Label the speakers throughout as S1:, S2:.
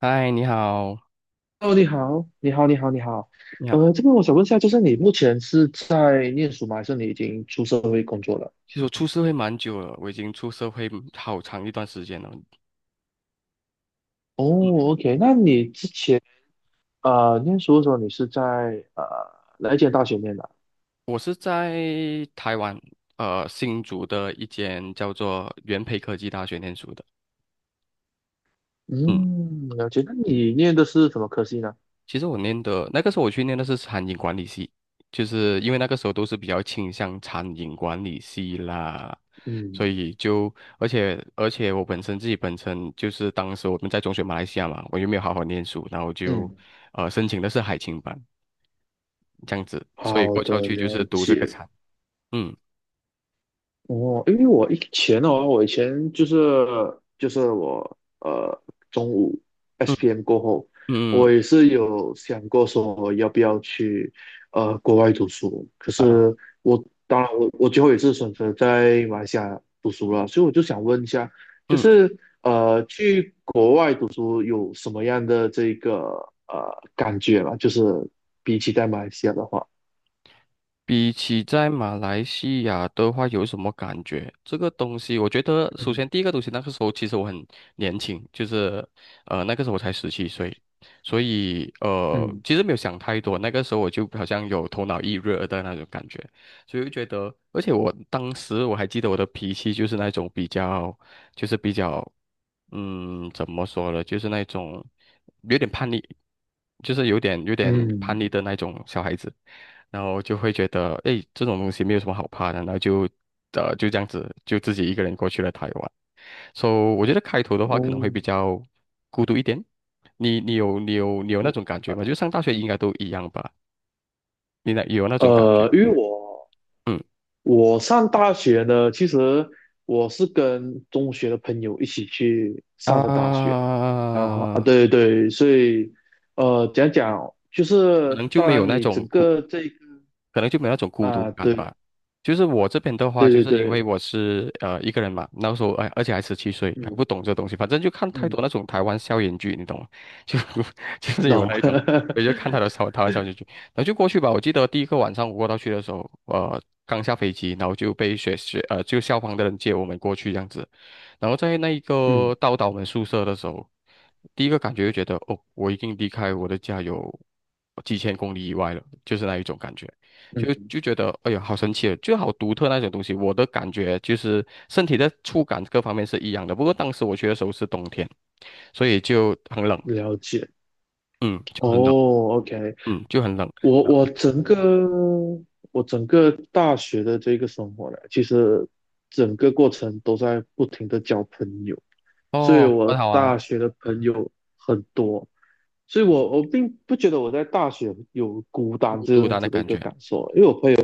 S1: 嗨，你好，
S2: 哦，你好，你好，你好，你好。
S1: 你好。
S2: 这边我想问一下，就是你目前是在念书吗？还是你已经出社会工作了？
S1: 其实我出社会蛮久了，我已经出社会好长一段时间了。嗯。
S2: 哦，OK，那你之前念书的时候，你是在呃哪一间大学念的啊？
S1: 我是在台湾，新竹的一间叫做元培科技大学念书的。嗯，
S2: 嗯，了解。那你念的是什么科系呢？
S1: 其实我念的那个时候我去念的是餐饮管理系，就是因为那个时候都是比较倾向餐饮管理系啦，所
S2: 嗯
S1: 以就而且我本身自己本身就是当时我们在中学马来西亚嘛，我又没有好好念书，然后就
S2: 嗯，
S1: 申请的是海青班。这样子，所以
S2: 好
S1: 过桥
S2: 的，
S1: 去就是
S2: 了
S1: 读这个
S2: 解。
S1: 产。嗯
S2: 哦，因为我以前的话，我以前就是我中午
S1: 嗯
S2: SPM 过后，我
S1: 嗯
S2: 也是有想过说要不要去国外读书，可
S1: 嗯啊
S2: 是我当然我最后也是选择在马来西亚读书了，所以我就想问一下，就
S1: 嗯。
S2: 是去国外读书有什么样的这个感觉嘛？就是比起在马来西亚的话，
S1: 比起在马来西亚的话，有什么感觉？这个东西，我觉得首先
S2: 嗯
S1: 第一个东西，那个时候其实我很年轻，就是那个时候我才十七岁，所以
S2: 嗯
S1: 其实没有想太多，那个时候我就好像有头脑一热的那种感觉，所以就觉得，而且我当时我还记得我的脾气就是那种比较，就是比较，嗯，怎么说呢，就是那种有点叛逆，就是有点叛
S2: 嗯，
S1: 逆的那种小孩子。然后就会觉得，哎，这种东西没有什么好怕的，然后就，就这样子，就自己一个人过去了台湾。So，我觉得开头的话
S2: 哦。
S1: 可能会比较孤独一点。你有那种感觉吗？就上大学应该都一样吧？你那有那种感觉吗？
S2: 因为我
S1: 嗯
S2: 我上大学呢，其实我是跟中学的朋友一起去上的大学，然后啊，
S1: 啊。
S2: 对对，所以，讲讲就
S1: 可能
S2: 是，
S1: 就
S2: 当
S1: 没有
S2: 然
S1: 那
S2: 你
S1: 种
S2: 整
S1: 孤
S2: 个这一个
S1: 可能就没有那种孤独
S2: 啊，
S1: 感
S2: 对
S1: 吧。就是我这边的话，
S2: 对
S1: 就
S2: 对
S1: 是因为
S2: 对，
S1: 我是一个人嘛，那时候哎，而且还十七岁，还
S2: 嗯
S1: 不懂这东西，反正就看太
S2: 嗯，
S1: 多那种台湾校园剧，你懂吗？就就是有
S2: 懂，
S1: 那一种，我就看 他的台湾校园剧，然后就过去吧。我记得第一个晚上我过到去的时候，刚下飞机，然后就被学学呃就校方的人接我们过去这样子，然后在那一
S2: 嗯
S1: 个到达我们宿舍的时候，第一个感觉就觉得哦，我已经离开我的家有几千公里以外了，就是那一种感觉。就
S2: 嗯，
S1: 就觉得，哎呀，好神奇哦，就好独特那种东西。我的感觉就是身体的触感各方面是一样的，不过当时我去的时候是冬天，所以就很冷。
S2: 了解，
S1: 嗯，就很冷。
S2: 哦，OK，
S1: 嗯，就很冷。
S2: 我我整个我整个大学的这个生活呢，其实整个过程都在不停的交朋友。所以
S1: 哦，很
S2: 我
S1: 好啊。
S2: 大学的朋友很多，所以
S1: 嗯，
S2: 我并不觉得我在大学有孤单
S1: 孤
S2: 这
S1: 独
S2: 样
S1: 的那
S2: 子的一
S1: 感
S2: 个
S1: 觉。
S2: 感受，因为我朋友，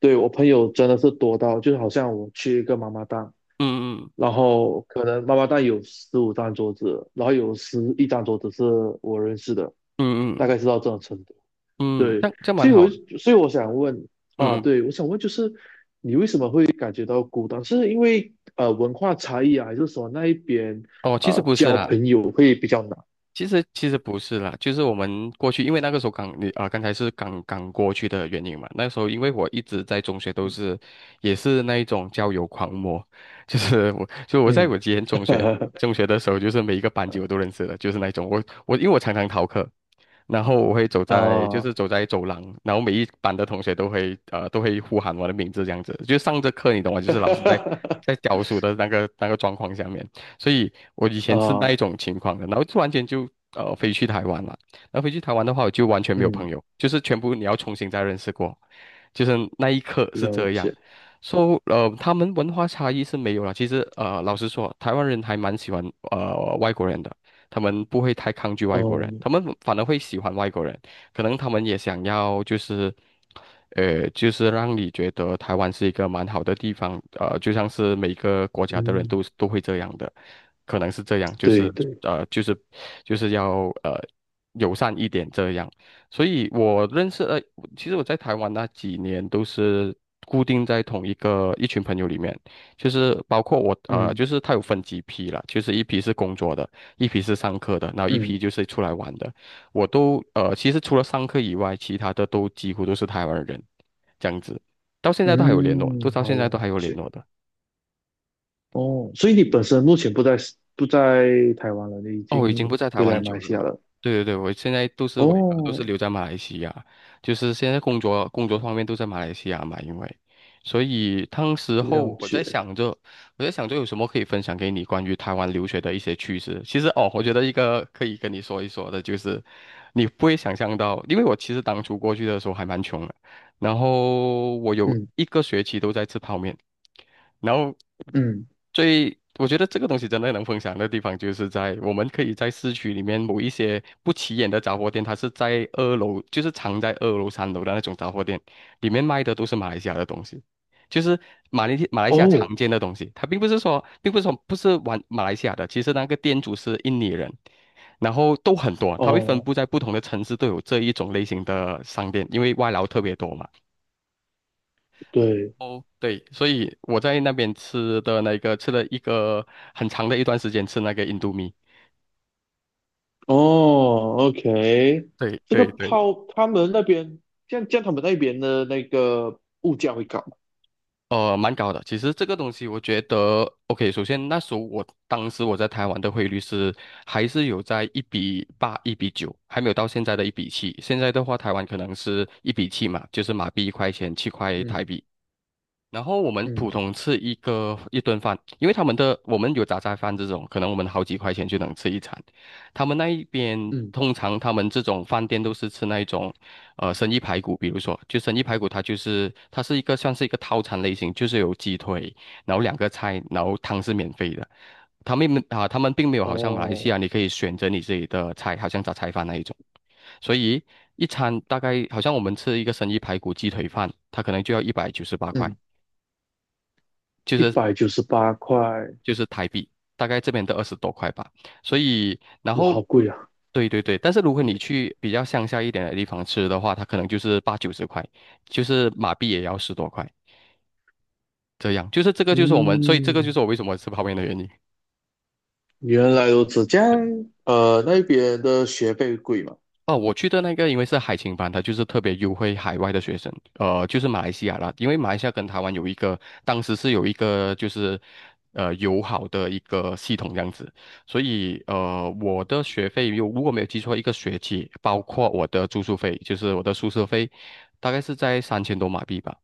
S2: 对，我朋友真的是多到，就是好像我去一个妈妈档，
S1: 嗯嗯
S2: 然后可能妈妈档有十五张桌子，然后有十一张桌子是我认识的，大
S1: 嗯
S2: 概是到这种程度。
S1: 嗯嗯。
S2: 对，
S1: 这样
S2: 所
S1: 蛮
S2: 以我
S1: 好的。
S2: 所以我想问，啊，
S1: 嗯嗯。
S2: 对，我想问就是你为什么会感觉到孤单？是因为文化差异啊，还是说那一边
S1: 哦，其实不是
S2: 交
S1: 啦。
S2: 朋友会比较难？
S1: 其实不是啦，就是我们过去，因为那个时候刚你啊、刚才是刚刚过去的原因嘛。那时候因为我一直在中学都是，也是那一种交友狂魔，就是我，就我在
S2: 嗯，
S1: 我之前中学中 学的时候，就是每一个班级我都认识的，就是那一种我因为我常常逃课，然后我会走在就
S2: 啊，
S1: 是走在走廊，然后每一班的同学都会都会呼喊我的名字这样子，就上着课你懂吗？就是老师在教书的那个状况下面。所以我以前是那
S2: 啊，
S1: 一种情况的，然后突然间就飞去台湾了。然后飞去台湾的话，我就完全没有朋
S2: 嗯，
S1: 友，就是全部你要重新再认识过，就是那一刻是
S2: 了
S1: 这样。
S2: 解，
S1: So, 他们文化差异是没有了。其实老实说，台湾人还蛮喜欢外国人的，他们不会太抗拒外国
S2: 哦，
S1: 人，他们反而会喜欢外国人。可能他们也想要就是。就是让你觉得台湾是一个蛮好的地方，就像是每个国家的人
S2: 嗯，
S1: 都会这样的，可能是这样，就
S2: 对
S1: 是
S2: 对，
S1: 呃，就是就是要友善一点这样。所以我认识其实我在台湾那几年都是固定在同一个一群朋友里面，就是包括我
S2: 嗯
S1: 就是他有分几批啦，就是一批是工作的，一批是上课的，然后一
S2: 嗯
S1: 批就是出来玩的。我都其实除了上课以外，其他的都几乎都是台湾人，这样子，到现在都还有联络，都
S2: 嗯，
S1: 到
S2: 好，
S1: 现在
S2: 了
S1: 都还有联
S2: 解，
S1: 络的。
S2: 哦，所以你本身目前不在台湾了，你已
S1: 哦，我已经不
S2: 经
S1: 在台
S2: 回
S1: 湾
S2: 来马
S1: 久
S2: 来
S1: 了。
S2: 西亚了，
S1: 对对对，我现在都是
S2: 哦，
S1: 留在马来西亚，就是现在工作方面都在马来西亚嘛，因为，所以当时候
S2: 了
S1: 我
S2: 解，
S1: 在想着，有什么可以分享给你关于台湾留学的一些趣事。其实哦，我觉得一个可以跟你说一说的就是，你不会想象到，因为我其实当初过去的时候还蛮穷的。然后我有
S2: 嗯。
S1: 一个学期都在吃泡面，然后
S2: 嗯，
S1: 我觉得这个东西真的能分享的地方，就是在我们可以在市区里面某一些不起眼的杂货店，它是在二楼，就是藏在二楼、三楼的那种杂货店，里面卖的都是马来西亚的东西，就是马来西亚
S2: 哦，
S1: 常见的东西。它并不是说，不是玩马来西亚的，其实那个店主是印尼人，然后都很多，它会分
S2: 哦，
S1: 布在不同的城市都有这一种类型的商店，因为外劳特别多嘛。
S2: 对，
S1: 哦，对，所以我在那边吃了一个很长的一段时间，吃那个印度米。
S2: 哦，OK，
S1: 对
S2: 这个
S1: 对对，
S2: 泡他们那边，像他们那边的那个物价会高吗？
S1: 蛮高的。其实这个东西，我觉得，OK，首先那时候我当时我在台湾的汇率是还是有在1:8、1:9，还没有到现在的一比七。现在的话，台湾可能是一比七嘛，就是马币1块钱，七块台
S2: 嗯
S1: 币。然后我们普
S2: 嗯
S1: 通吃一顿饭，因为他们的我们有杂菜饭这种，可能我们好几块钱就能吃一餐。他们那一边
S2: 嗯，
S1: 通常他们这种饭店都是吃那一种，生意排骨，比如说就生意排骨，它是算是一个套餐类型，就是有鸡腿，然后2个菜，然后汤是免费的。他们并没有好像马来西
S2: 哦，
S1: 亚你可以选择你自己的菜，好像杂菜饭那一种。所以一餐大概好像我们吃一个生意排骨鸡腿饭，它可能就要198块。
S2: 嗯，
S1: 就
S2: 一
S1: 是
S2: 百九十八块，
S1: 就是台币，大概这边的20多块吧。所以，然
S2: 哇，
S1: 后，
S2: 好
S1: 嗯
S2: 贵啊！
S1: 对对对，但是如果你去比较乡下一点的地方吃的话，它可能就是八九十块，就是马币也要十多块，这样。就是这个就是我们，所以这个就
S2: 嗯，
S1: 是我为什么吃泡面的原因。
S2: 原来如此，这样，那边的学费贵吗？
S1: 哦，我去的那个因为是海青班，它就是特别优惠海外的学生，就是马来西亚啦，因为马来西亚跟台湾有一个，当时是有一个就是友好的一个系统这样子，所以我的学费如果没有记错，一个学期包括我的住宿费，就是我的宿舍费，大概是在3000多马币吧。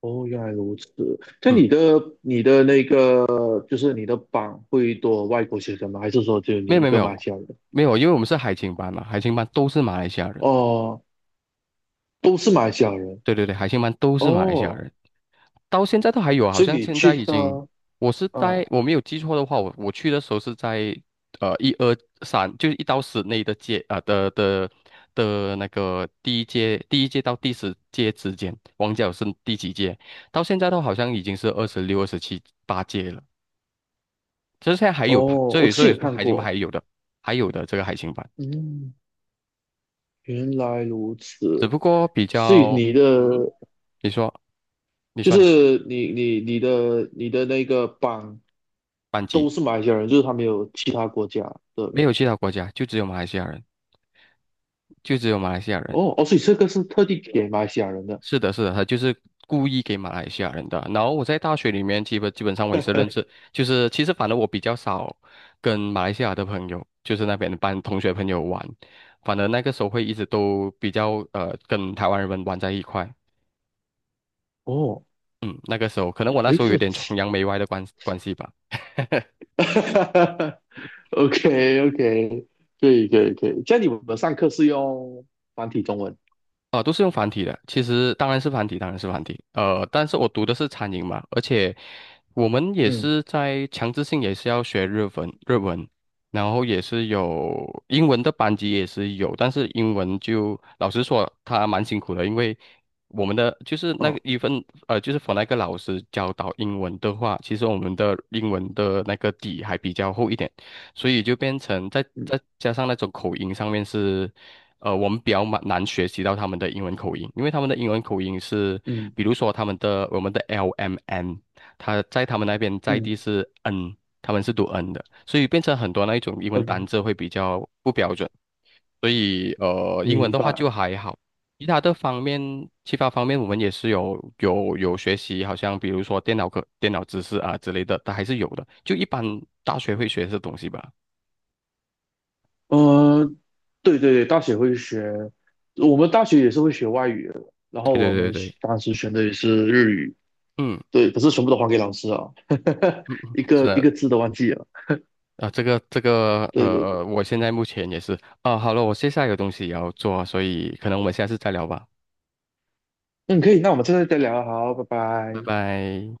S2: 哦，原来如此。那
S1: 嗯，
S2: 你的那个，就是你的榜会多外国学生吗？还是说只有你
S1: 没有
S2: 一
S1: 没有没
S2: 个马来
S1: 有
S2: 西亚人？
S1: 没有，因为我们是海青班嘛，海青班都是马来西亚人，
S2: 哦，都是马来西亚人。
S1: 对对对，海青班都是马来西亚
S2: 哦，
S1: 人。到现在都还有啊好
S2: 所以
S1: 像
S2: 你
S1: 现在
S2: 去
S1: 已
S2: 他
S1: 经，我是
S2: 啊，
S1: 在我没有记错的话，我去的时候是在一二三，就是一到十内的届啊、的那个第一届到第10届之间，王角是第几届？到现在都好像已经是二十六、二十七、八届了，这现在还有，
S2: 哦，
S1: 所
S2: 我
S1: 以
S2: 自己
S1: 所
S2: 也
S1: 以
S2: 看
S1: 海星班还
S2: 过，
S1: 有的，还有的这个海星班，
S2: 嗯，原来如
S1: 只
S2: 此，
S1: 不过比
S2: 所以
S1: 较。
S2: 你的
S1: 嗯，你说你
S2: 就
S1: 说你
S2: 是你的那个榜都是马来西亚人，就是他没有其他国家的
S1: 没
S2: 人。
S1: 有其他国家，就只有马来西亚人，就只有马来西亚人。
S2: 哦哦，所以这个是特地给马来西亚人的。
S1: 是的，是的，他就是故意给马来西亚人的。然后我在大学里面，基本上我也是认识，就是其实反正我比较少跟马来西亚的朋友，就是那边的班同学朋友玩，反而那个时候会一直都比较跟台湾人们玩在一块。
S2: 哦，
S1: 嗯，那个时候可能我那
S2: 没
S1: 时候
S2: 什
S1: 有
S2: 么
S1: 点崇
S2: 奇
S1: 洋媚外的关系吧。
S2: ，OK OK，可以可以可以，这样你们上课是用繁体中文。
S1: 啊、都是用繁体的。其实当然是繁体，当然是繁体。但是我读的是餐饮嘛，而且我们也
S2: 嗯，
S1: 是在强制性也是要学日文，然后也是有英文的班级也是有，但是英文就老实说，它蛮辛苦的，因为我们的就是那个
S2: 哦，
S1: 一份就是 for 那个老师教导英文的话，其实我们的英文的那个底还比较厚一点，所以就变成再
S2: 嗯
S1: 再加上那种口音上面是我们比较蛮难学习到他们的英文口音，因为他们的英文口音是，
S2: 嗯
S1: 比如说他们的我们的 LMN，他在他们那边在
S2: 嗯
S1: 地是 N，他们是读 N 的，所以变成很多那一种英文单
S2: 嗯。
S1: 字会比较不标准，所以英文
S2: 明
S1: 的话
S2: 白。
S1: 就还好。其他的方面，其他方面我们也是有学习，好像比如说电脑课、电脑知识啊之类的，它还是有的。就一般大学会学这东西吧。
S2: 嗯，对对对，大学会学，我们大学也是会学外语的，然
S1: 对
S2: 后我
S1: 对对
S2: 们学
S1: 对。
S2: 当时选的也是日语，
S1: 嗯
S2: 对，可是全部都还给老师啊，
S1: 嗯，嗯，
S2: 一
S1: 是
S2: 个一
S1: 的。
S2: 个字都忘记了。
S1: 啊，这个
S2: 对对对，
S1: 我现在目前也是啊，好了，我现在有东西也要做，所以可能我们下次再聊吧，
S2: 嗯，可以，那我们现在再聊啊，好，拜
S1: 拜
S2: 拜。
S1: 拜。